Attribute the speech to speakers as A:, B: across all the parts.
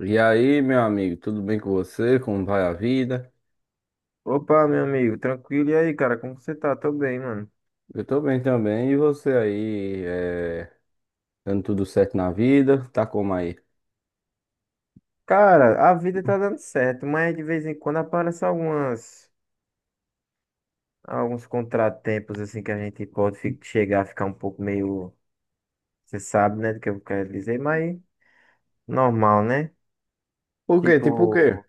A: E aí, meu amigo, tudo bem com você? Como vai a vida?
B: Opa, meu amigo, tranquilo? E aí, cara, como você tá? Tô bem, mano.
A: Eu tô bem também. E você aí, dando tudo certo na vida? Tá como aí?
B: Cara, a vida tá dando certo, mas de vez em quando aparecem algumas, alguns contratempos, assim, que a gente pode chegar a ficar um pouco meio, você sabe, né, do que eu quero dizer, mas normal, né?
A: Por quê? Tipo o quê?
B: Tipo,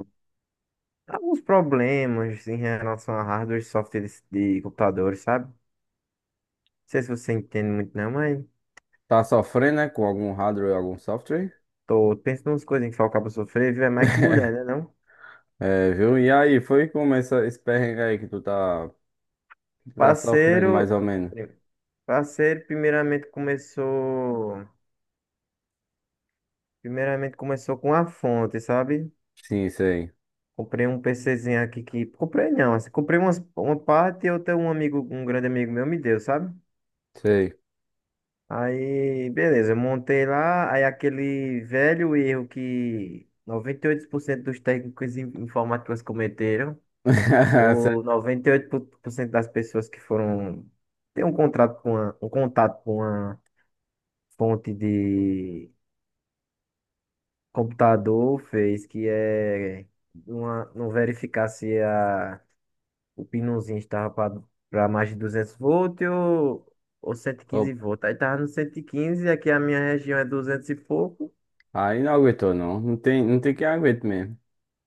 B: alguns problemas em relação a hardware e software de computadores, sabe? Não sei se você entende muito, não, mas
A: Tá sofrendo, né? Com algum hardware ou algum software?
B: tô pensando umas coisas em que o cabo sofrer, viu? É mais que mulher, né, não?
A: É, viu? E aí, foi como esse perrengue aí que tu tá sofrendo, mais
B: Parceiro.
A: ou menos?
B: Parceiro, primeiramente começou com a fonte, sabe?
A: Sim, sei,
B: Comprei um PCzinho aqui que, comprei não, assim, uma parte e outra um amigo, um grande amigo meu me deu, sabe?
A: sei.
B: Aí, beleza, eu montei lá, aí aquele velho erro que 98% dos técnicos informáticos cometeram, ou
A: Certo.
B: 98% das pessoas que foram ter um contato com uma fonte de computador fez, que é não verificar se o pinozinho estava para mais de 200 volts ou cento e quinze
A: Opa.
B: volts. Aí tava no 115, aqui a minha região é 200 e pouco.
A: Aí não aguentou, não. Não tem quem aguente mesmo.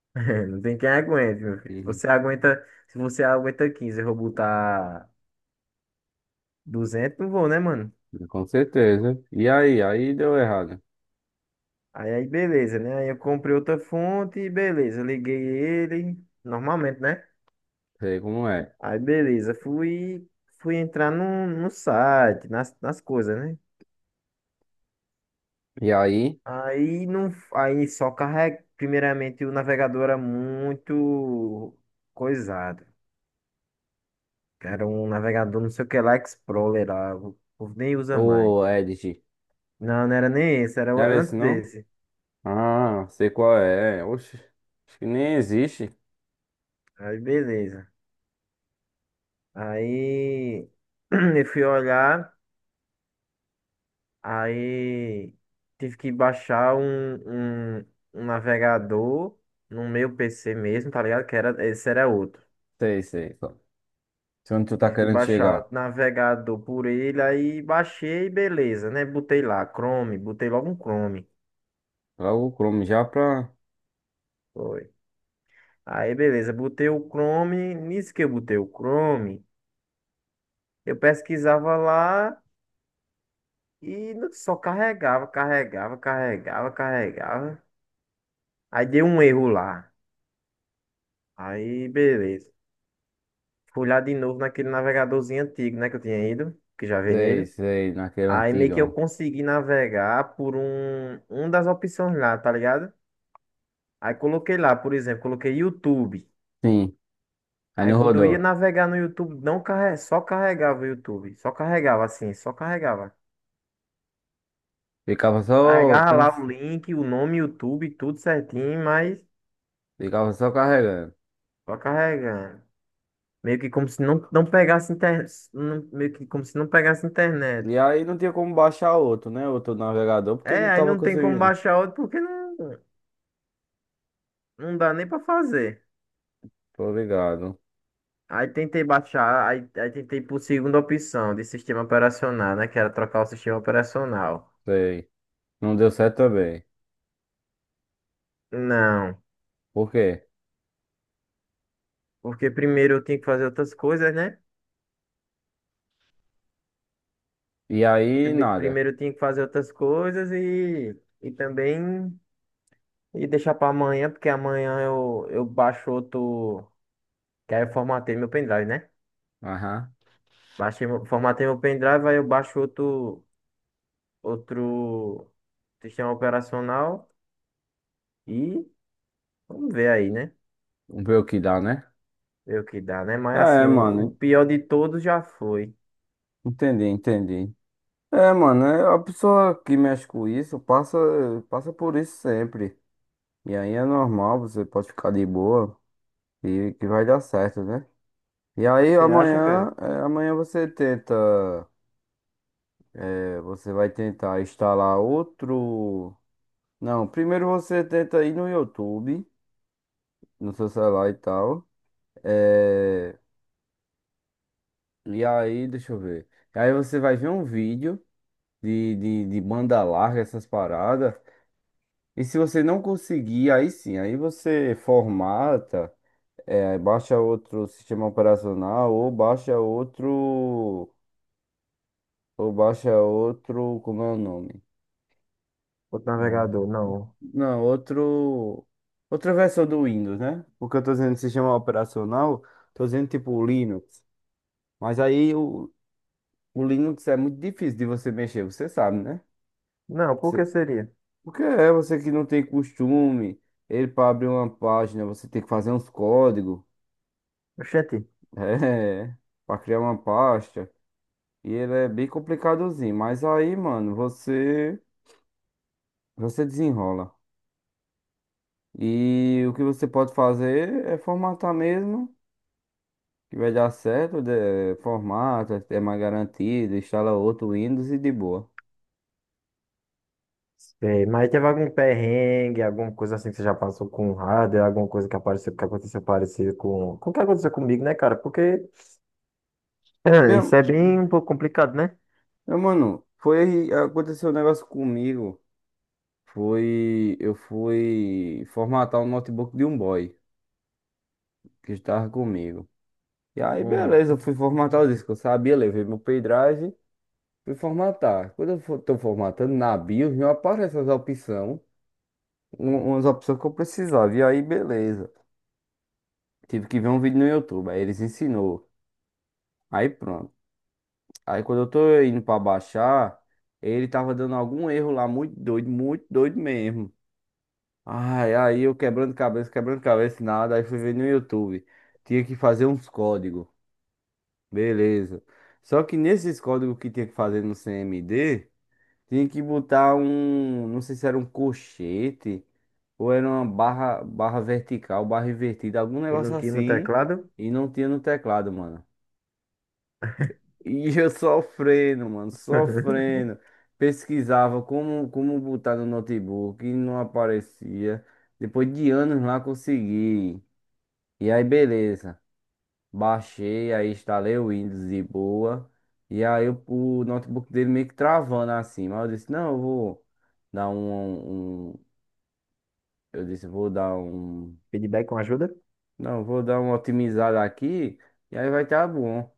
B: Não tem quem aguente, meu filho.
A: Uhum.
B: Você aguenta, se você aguenta 15 eu vou botar 200, não vou, né, mano?
A: Com certeza. E aí deu errado.
B: Aí beleza, né? Aí eu comprei outra fonte, beleza, liguei ele, normalmente, né?
A: Sei como é.
B: Aí beleza, fui entrar no site, nas coisas, né?
A: E aí?
B: Aí não, aí só carrega, primeiramente o navegador era muito coisado. Era um navegador, não sei o que lá, Explorer lá, o povo nem usa mais.
A: Ô, Edith.
B: Não, não era nem esse, era
A: Não era
B: antes
A: esse, não?
B: desse.
A: Ah, sei qual é. Oxe, acho que nem existe.
B: Aí beleza. Aí eu fui olhar. Aí tive que baixar um navegador no meu PC mesmo, tá ligado? Que era, esse era outro.
A: Sei, sei. Se onde tu tá
B: Tive que
A: querendo
B: baixar o
A: chegar?
B: navegador por ele, aí baixei, beleza, né? Botei lá, Chrome, botei logo um Chrome.
A: Lá o Chrome já pra...
B: Foi. Aí, beleza, botei o Chrome. Nisso que eu botei o Chrome, eu pesquisava lá e só carregava, carregava, carregava, carregava. Aí deu um erro lá. Aí, beleza. Fui lá de novo naquele navegadorzinho antigo, né, que eu tinha ido, que já veio
A: Sei,
B: nele.
A: sei, naquele
B: Aí meio que eu
A: antigão.
B: consegui navegar por um das opções lá, tá ligado? Aí coloquei lá, por exemplo, coloquei YouTube.
A: Sim, aí
B: Aí
A: não
B: quando eu ia
A: rodou.
B: navegar no YouTube, não só carregava o YouTube. Só carregava assim, só carregava.
A: Ficava só,
B: Carregava
A: como,
B: lá o link, o nome YouTube, tudo certinho, mas
A: ficava só carregando.
B: só carregando. Meio que como se não pegasse internet. Meio que como se não pegasse
A: E
B: internet.
A: aí não tinha como baixar outro, né? Outro navegador, porque não
B: É, aí
A: tava
B: não tem como
A: conseguindo.
B: baixar outro porque não. Não dá nem pra fazer.
A: Tô ligado.
B: Aí tentei baixar, aí tentei por segunda opção de sistema operacional, né? Que era trocar o sistema operacional.
A: Sei. Não deu certo também.
B: Não,
A: Por quê?
B: porque primeiro eu tinha que fazer outras coisas, né?
A: E aí, nada.
B: Primeiro eu tinha que fazer outras coisas e também e deixar pra amanhã, porque amanhã eu baixo outro. Que aí eu formatei meu pendrive, né?
A: Aham.
B: Baixei, formatei meu pendrive, aí eu baixo outro, outro sistema operacional e vamos ver aí, né?
A: Vamos ver o que dá, né?
B: Ver o que dá, né? Mas
A: É,
B: assim, o
A: mano.
B: pior de todos já foi.
A: Entendi, entendi. É, mano, é a pessoa que mexe com isso passa por isso sempre. E aí é normal, você pode ficar de boa e que vai dar certo, né? E aí
B: Você acha,
A: amanhã,
B: cara?
A: é, amanhã você tenta, você vai tentar instalar outro. Não, primeiro você tenta ir no YouTube, no seu celular e tal. É, E aí, deixa eu ver. Aí você vai ver um vídeo de banda larga, essas paradas. E se você não conseguir, aí sim, aí você formata, baixa outro sistema operacional ou baixa outro, como é o nome?
B: Outro
A: Ah,
B: navegador, não.
A: não, outra versão do Windows, né? Porque eu tô dizendo sistema operacional, tô dizendo tipo o Linux. Mas aí o Linux é muito difícil de você mexer, você sabe, né?
B: Não, por que
A: Você,
B: seria?
A: Porque é você que não tem costume, ele para abrir uma página, você tem que fazer uns códigos.
B: Oxente.
A: É, pra criar uma pasta. E ele é bem complicadozinho. Mas aí, mano, você desenrola. E o que você pode fazer é formatar mesmo, que vai dar certo. Formata, é mais garantido, instala outro Windows e de boa.
B: Sei, mas teve algum perrengue, alguma coisa assim que você já passou com o hardware, alguma coisa que apareceu, que aconteceu parecido com o que aconteceu comigo, né, cara? Porque isso
A: Meu,
B: é bem um pouco complicado, né?
A: meu mano, aconteceu um negócio comigo. Foi, eu fui formatar o notebook de um boy que estava comigo. E aí,
B: Um,
A: beleza, eu fui formatar o disco. Eu sabia, levei meu pendrive. Fui formatar. Quando eu estou formatando na BIOS, não aparece as opções, umas opções que eu precisava. E aí, beleza. Tive que ver um vídeo no YouTube, aí eles ensinou. Aí pronto. Aí quando eu tô indo pra baixar, ele tava dando algum erro lá, muito doido mesmo. Ai, aí eu quebrando cabeça, nada. Aí fui ver no YouTube. Tinha que fazer uns códigos. Beleza. Só que nesses códigos que tinha que fazer no CMD, tinha que botar um, não sei se era um colchete ou era uma barra, barra vertical, barra invertida, algum
B: e
A: negócio
B: não tinha no
A: assim,
B: teclado.
A: e não tinha no teclado, mano. E eu sofrendo, mano, sofrendo. Pesquisava como, como botar no notebook e não aparecia. Depois de anos lá consegui. E aí, beleza. Baixei, aí instalei o Windows de boa. E aí o notebook dele meio que travando assim. Mas eu disse, não, eu vou dar um, um- Eu disse, vou dar um.
B: Feedback com ajuda.
A: Não, vou dar uma otimizada aqui. E aí vai estar bom.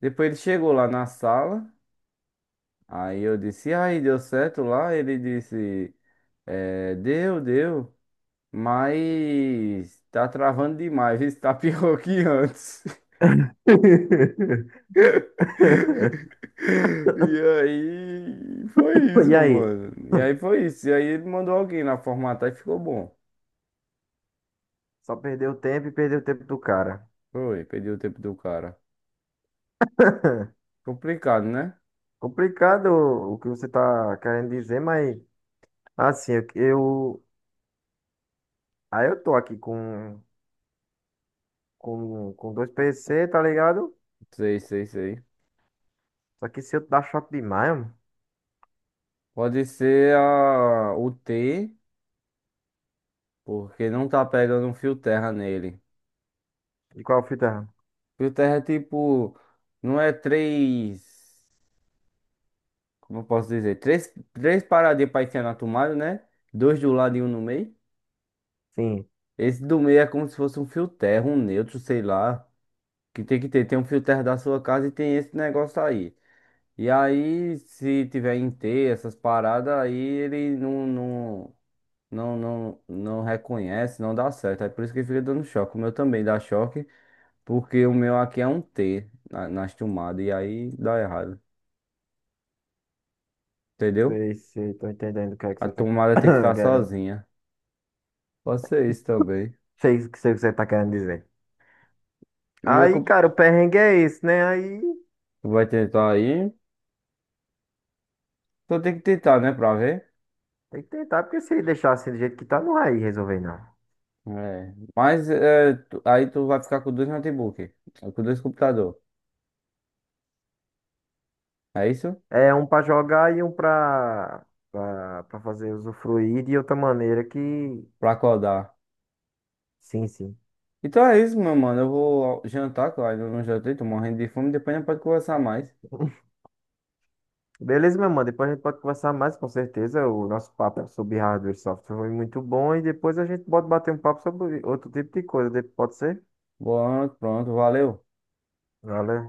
A: Depois ele chegou lá na sala. Aí eu disse, e aí deu certo lá? Ele disse, é, deu, deu. Mas tá travando demais. Isso tá pior que antes. E aí foi isso,
B: E aí?
A: mano. E aí foi isso. E aí ele mandou alguém lá formatar e ficou bom.
B: Só perdeu o tempo e perdeu o tempo do cara.
A: Foi, perdeu o tempo do cara. Complicado, né?
B: Complicado o que você tá querendo dizer, mas assim, aí eu tô aqui com dois PC, tá ligado?
A: Sei, sei, sei.
B: Só que se eu dar choque demais, mano.
A: Pode ser o T, porque não tá pegando um fio terra nele.
B: E qual fita?
A: Fio terra é tipo, não é três, como eu posso dizer? Três paradinhas pra enfiar na tomada, né? Dois de um lado e um no meio.
B: Sim,
A: Esse do meio é como se fosse um fio terra, um neutro, sei lá. Que tem que ter, tem um filtro da sua casa e tem esse negócio aí. E aí, se tiver em T, essas paradas, aí ele não reconhece, não dá certo. É por isso que ele fica dando choque. O meu também dá choque, porque o meu aqui é um T nas tomadas, e aí dá errado. Entendeu?
B: sei, sei, tô entendendo o que é que
A: A
B: você tá
A: tomada tem que estar
B: querendo.
A: sozinha. Pode ser isso também.
B: Sei o que você tá querendo dizer.
A: E é que
B: Aí, cara, o perrengue é esse, né? Aí
A: tu vai tentar aí, só tem que tentar, né, pra ver.
B: tem que tentar, porque se ele deixar assim do jeito que tá, não vai resolver, não.
A: É. Mas é, aí tu vai ficar com dois notebooks, com dois computadores. É isso?
B: É um pra jogar e um pra, fazer usufruir de outra maneira que.
A: Pra acordar.
B: Sim, sim.
A: Então é isso, meu mano. Eu vou jantar, que eu ainda não jantei, tô morrendo de fome. Depois a gente pode conversar mais.
B: Beleza, meu mano. Depois a gente pode conversar mais, com certeza. O nosso papo sobre hardware e software foi muito bom. E depois a gente pode bater um papo sobre outro tipo de coisa. Pode ser?
A: Bom, pronto, valeu.
B: Valeu.